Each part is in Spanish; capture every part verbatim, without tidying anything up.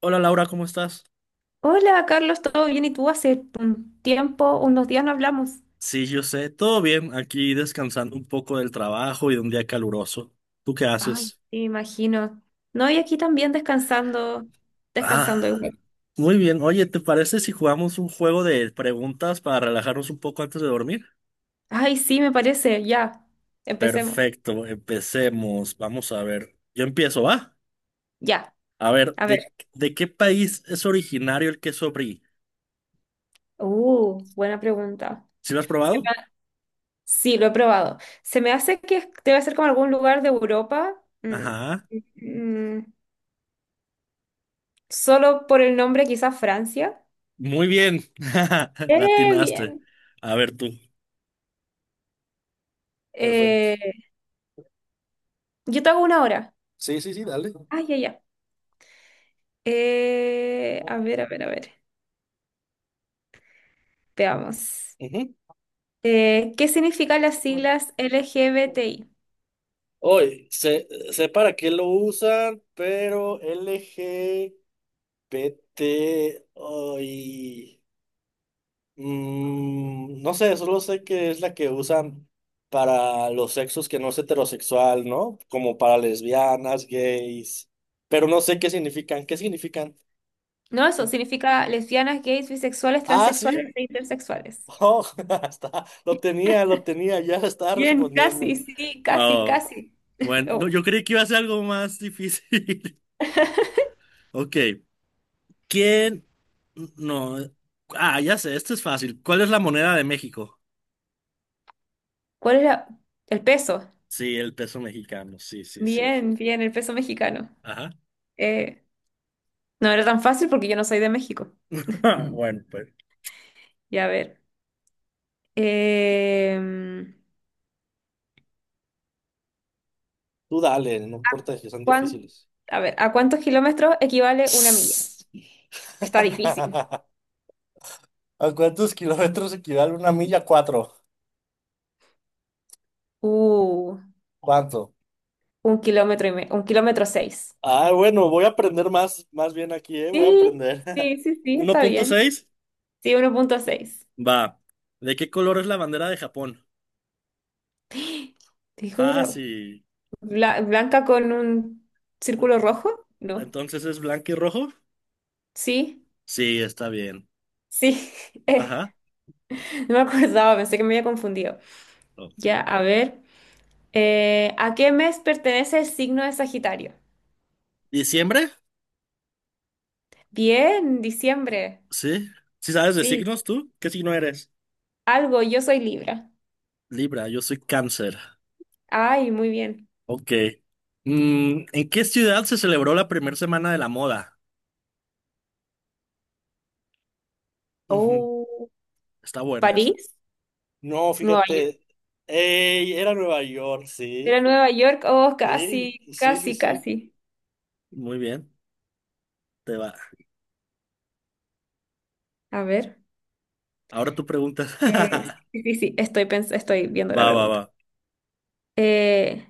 Hola Laura, ¿cómo estás? Hola, Carlos, ¿todo bien? ¿Y tú? Hace un tiempo, unos días no hablamos. Sí, yo sé, todo bien, aquí descansando un poco del trabajo y de un día caluroso. ¿Tú qué Ay, haces? me imagino. No, y aquí también descansando, descansando Ah, igual. muy bien. Oye, ¿te parece si jugamos un juego de preguntas para relajarnos un poco antes de dormir? Ay, sí, me parece. Ya, empecemos. Perfecto, empecemos. Vamos a ver. Yo empiezo, ¿va? Ya, A ver, a ver. ¿de, de qué país es originario el queso brie? Uh, buena pregunta. ¿Sí lo has Se probado? me- Sí, lo he probado. Se me hace que es- Debe ser como algún lugar de Europa. Mm, Ajá. mm, Solo por el nombre, quizás Francia. Muy bien. Eh, Latinaste. bien. A ver tú. Perfecto. Eh, yo te hago una hora. Sí, sí, sí, dale. Ay, ya, ya. Eh, a ver, a ver, a ver. Veamos. Ujú. Eh, ¿qué significan las siglas L G B T I? Hoy, sé, sé para qué lo usan, pero L G B T, hoy, mm, no sé, solo sé que es la que usan para los sexos que no es heterosexual, ¿no? Como para lesbianas, gays, pero no sé qué significan, ¿qué significan? No, eso Sí. significa lesbianas, gays, bisexuales, Ah, sí, transexuales e intersexuales. oh, está, lo tenía, lo tenía, ya estaba Bien, respondiendo. casi, sí, casi, Oh, casi. bueno, no, Oh, yo creí que iba a ser algo más difícil. Ok. ¿Quién? No. Ah, ya sé, esto es fácil. ¿Cuál es la moneda de México? ¿cuál era el peso? Sí, el peso mexicano. Sí, sí, sí. Bien, bien, el peso mexicano. Ajá. Eh, no era tan fácil porque yo no soy de México. Bueno, pues. Ya, a ver. Em, Tú dale, no importa si son ¿cuán- difíciles. a ver, ¿a cuántos kilómetros equivale una milla? Está difícil. ¿A cuántos kilómetros equivale una milla? Cuatro. Uh. ¿Cuánto? Un kilómetro y me- un kilómetro seis. Ah, bueno, voy a aprender más, más bien aquí, ¿eh? Voy a Sí, aprender. sí, sí, sí, uno está punto bien. seis Sí, uno punto seis. Va. ¿De qué color es la bandera de Japón? Dijo, era Fácil. bla- blanca con un círculo rojo. No. Entonces es blanco y rojo. Sí, Sí, está bien. sí. Eh, Ajá. no me acordaba, pensé que me había confundido. Oh. Ya, a ver. Eh, ¿a qué mes pertenece el signo de Sagitario? ¿Diciembre? Bien, diciembre. Sí. ¿Sí sabes de Sí, signos tú? ¿Qué signo eres? algo, yo soy Libra. Libra, yo soy cáncer. Ay, muy bien. Ok. Mm, ¿en qué ciudad se celebró la primera semana de la moda? Ujú, Oh, está buena esa. París, No, Nueva York. fíjate. Ey, era Nueva York, Era sí. Nueva York, oh, Sí, casi, sí, sí, casi, sí. casi. Muy bien, te va. A ver. Ahora tú preguntas. Eh, sí, sí, sí, estoy, pens- estoy viendo la Va, va, va. pregunta. Eh,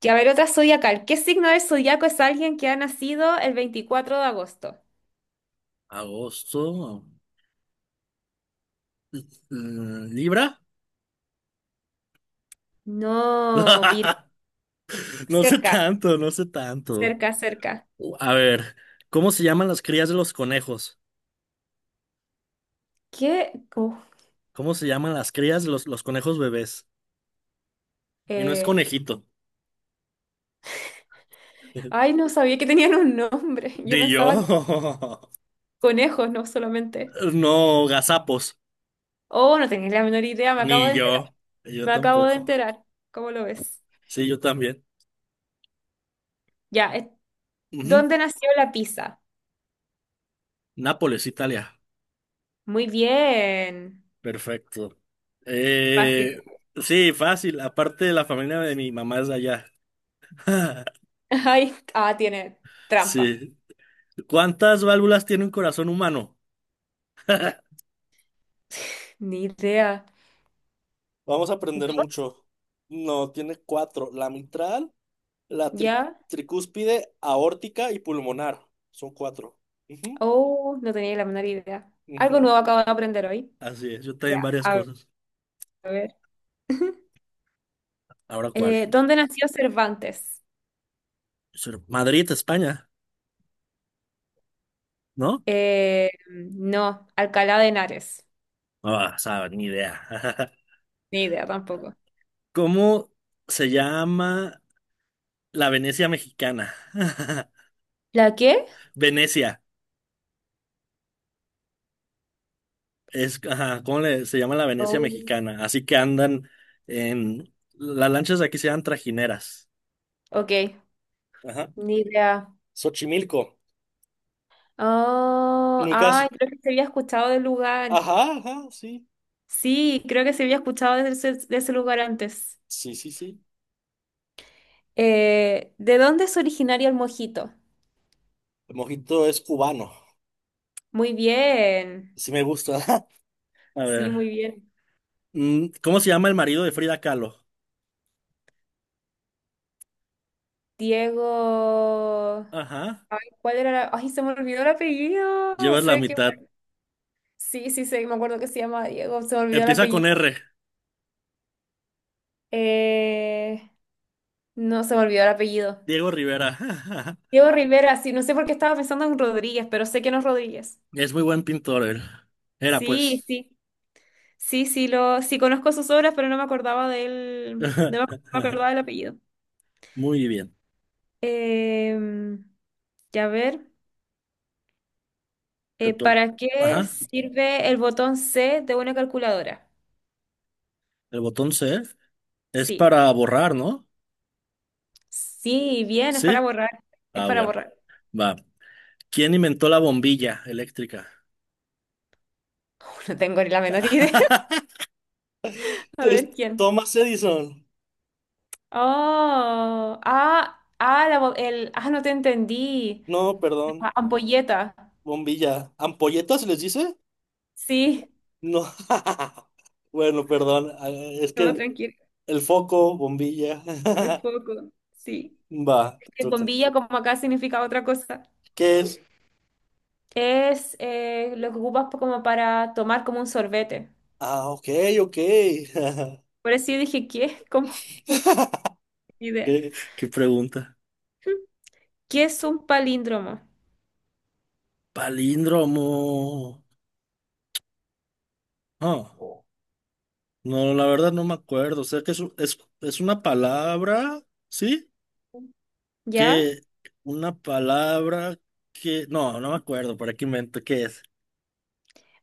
que a ver, otra zodiacal. ¿Qué signo del zodiaco es alguien que ha nacido el veinticuatro de agosto? Agosto. Mm, ¿Libra? No, Vir. No sé Cerca, tanto, no sé tanto. cerca, cerca. A ver, ¿cómo se llaman las crías de los conejos? ¿Qué? Uf, ¿Cómo se llaman las crías de los, los conejos bebés? Y no es eh, conejito. ay, no sabía que tenían un nombre. Yo Ni yo. pensaba que eran conejos, no solamente. No, gazapos. Oh, no tenía la menor idea, me acabo Ni de enterar. yo. Yo Me acabo de tampoco. enterar. ¿Cómo lo ves? Sí, yo también. Ya, eh, Ujú. ¿dónde nació la pizza? Nápoles, Italia. Muy bien. Perfecto. Eh, Fácil. sí, fácil. Aparte, la familia de mi mamá es de allá. Ay, ah, tiene trampa. Sí. ¿Cuántas válvulas tiene un corazón humano? Ni idea. Vamos a aprender No, mucho. No, tiene cuatro. La mitral. La tri- ¿ya? tricúspide, aórtica y pulmonar. Son cuatro. Ujú, Oh, no tenía la menor idea. Algo ujú. nuevo acabo de aprender hoy. Así es, yo Ya, también varias a cosas. ver. Ahora, ¿cuál? Eh, ¿dónde nació Cervantes? Sur- Madrid, España, ¿no? Eh, no, Alcalá de Henares. Ah, sabe, ni idea. Ni idea tampoco. ¿Cómo se llama la Venecia mexicana? ¿La qué? Venecia. Es, ajá, ¿cómo le- se llama la Venecia Oh, mexicana? Así que andan en... Las lanchas de aquí se llaman trajineras. ok, Ajá. ni idea. Xochimilco. Oh, Nunca. ay, Has- creo que se había escuchado del lugar. Ajá, ajá, sí. Sí, creo que se había escuchado de ese, de ese lugar antes. Sí, sí, sí. Eh, ¿de dónde es originario el mojito? El mojito es cubano. Muy bien. Sí me gusta. A Sí, muy ver. bien. mm, ¿Cómo se llama el marido de Frida Kahlo? Diego. Ajá. ¿Cuál era la... Ay, se me olvidó el apellido. Llevas la Sé que... mitad. Sí, sí, sé, me acuerdo que se llama Diego. Se me olvidó el Empieza con apellido. R. Eh, No, se me olvidó el apellido. Diego Rivera. Diego Rivera, sí, no sé por qué estaba pensando en Rodríguez, pero sé que no es Rodríguez. Es muy buen pintor él. Era Sí, pues. sí. Sí, sí, lo... sí conozco sus obras, pero no me acordaba del... No me acordaba del apellido. Muy bien. Em, Ya ver. Te Eh, to- ¿Para qué Ajá. sirve el botón C de una calculadora? El botón C es Sí, para borrar, ¿no? sí, bien, es para Sí. borrar. Es Ah, para bueno. borrar. Va. ¿Quién inventó la bombilla eléctrica? No tengo ni la menor idea. A Es ver quién. Thomas Edison. Oh, ah, ah, la bo- el, ah, no te entendí. No, perdón. La ampolleta. Bombilla. ¿Ampolletas les dice? Sí, No. Bueno, perdón. Ah, es no, que tranquilo. el foco, bombilla. El foco, sí. Va, te El toca. bombilla, como acá, significa otra cosa. ¿Qué es? Es eh, lo que ocupas pa- como para tomar como un sorbete. Ah, ok, ok. Por eso yo dije, ¿qué? Como idea. ¿Qué, qué pregunta? ¿Qué es un palíndromo? Palíndromo. Ah, no, la verdad no me acuerdo. O sea que es, un- es, es una palabra, ¿sí? ¿Ya? Que una palabra que... No, no me acuerdo. ¿Para qué invento? ¿Qué es?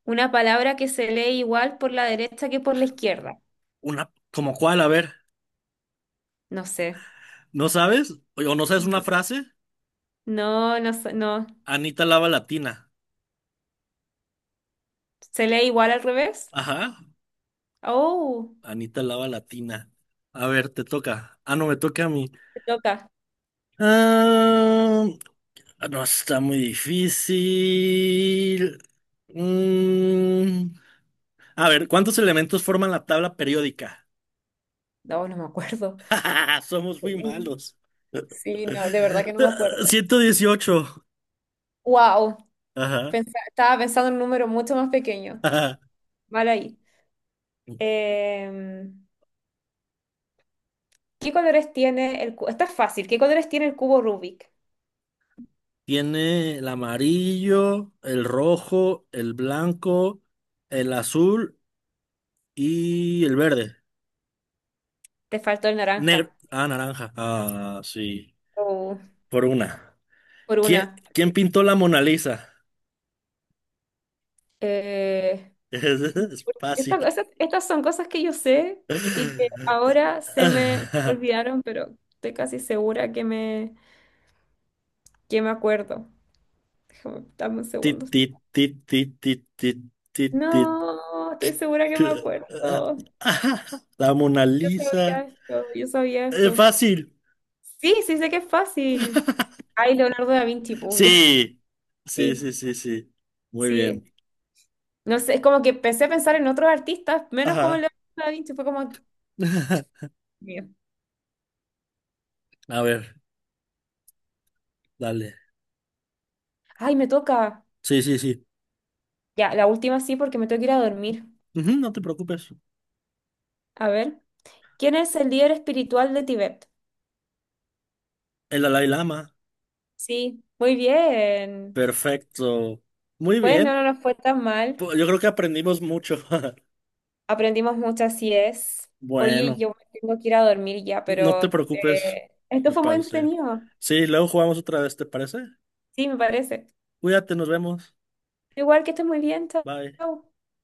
Una palabra que se lee igual por la derecha que por la izquierda. Una... ¿Como cuál? A ver. No sé. ¿No sabes? ¿O no sabes una No. frase? No, no, sé, no. Anita Lava Latina. ¿Se lee igual al revés? Ajá. Oh, Anita Lava Latina. A ver, te toca. Ah, no, me toca a mí. te toca. Ah, no, está muy difícil. Mm, a ver, ¿cuántos elementos forman la tabla periódica? No, no me acuerdo. Somos muy malos. Sí, no, de verdad que no me acuerdo. ciento dieciocho. Wow, Ajá, estaba pensando en un número mucho más pequeño. ajá. Mal ahí. Eh, ¿Qué colores tiene el cubo? Está fácil. ¿Qué colores tiene el cubo Rubik? Tiene el amarillo, el rojo, el blanco, el azul y el verde. Te faltó el Negro. naranja. Ah, naranja. Ah, sí. Oh, Por una. por ¿Quién, una. quién pintó la Mona Lisa? Eh, Es, justo, es esta- fácil. esas- estas son cosas que yo sé y que ahora se me olvidaron, pero estoy casi segura que me, que me acuerdo. Déjame, dame un Tit, segundo. tit, tit, tit, tit, tit, tit, tit. No, estoy segura que me acuerdo. La Mona Yo Lisa. sabía esto, yo sabía Es esto. fácil. Sí, sí sé que es fácil. Ay, Leonardo da Vinci, pues, obvio. Sí. Sí, Sí, sí, sí, sí. Muy sí. bien. No sé, es como que empecé a pensar en otros artistas, menos como Ajá. Leonardo da Vinci, fue como... Mío. A ver, dale. Ay, me toca. Sí, sí, sí. Ya, la última sí, porque me tengo que ir a dormir. Ujú, no te preocupes. A ver, ¿quién es el líder espiritual de Tibet? El Dalai Lama. Sí, muy bien. Perfecto. Muy Bueno, bien. no nos fue tan mal. Pues, yo creo que aprendimos mucho. Aprendimos mucho, así es. Oye, Bueno, yo me tengo que ir a dormir ya, no te pero preocupes, eh, esto me fue muy parece. entretenido. Sí, luego jugamos otra vez, ¿te parece? Sí, me parece. Cuídate, nos vemos. Igual que estés muy bien, chao. Bye. Chao.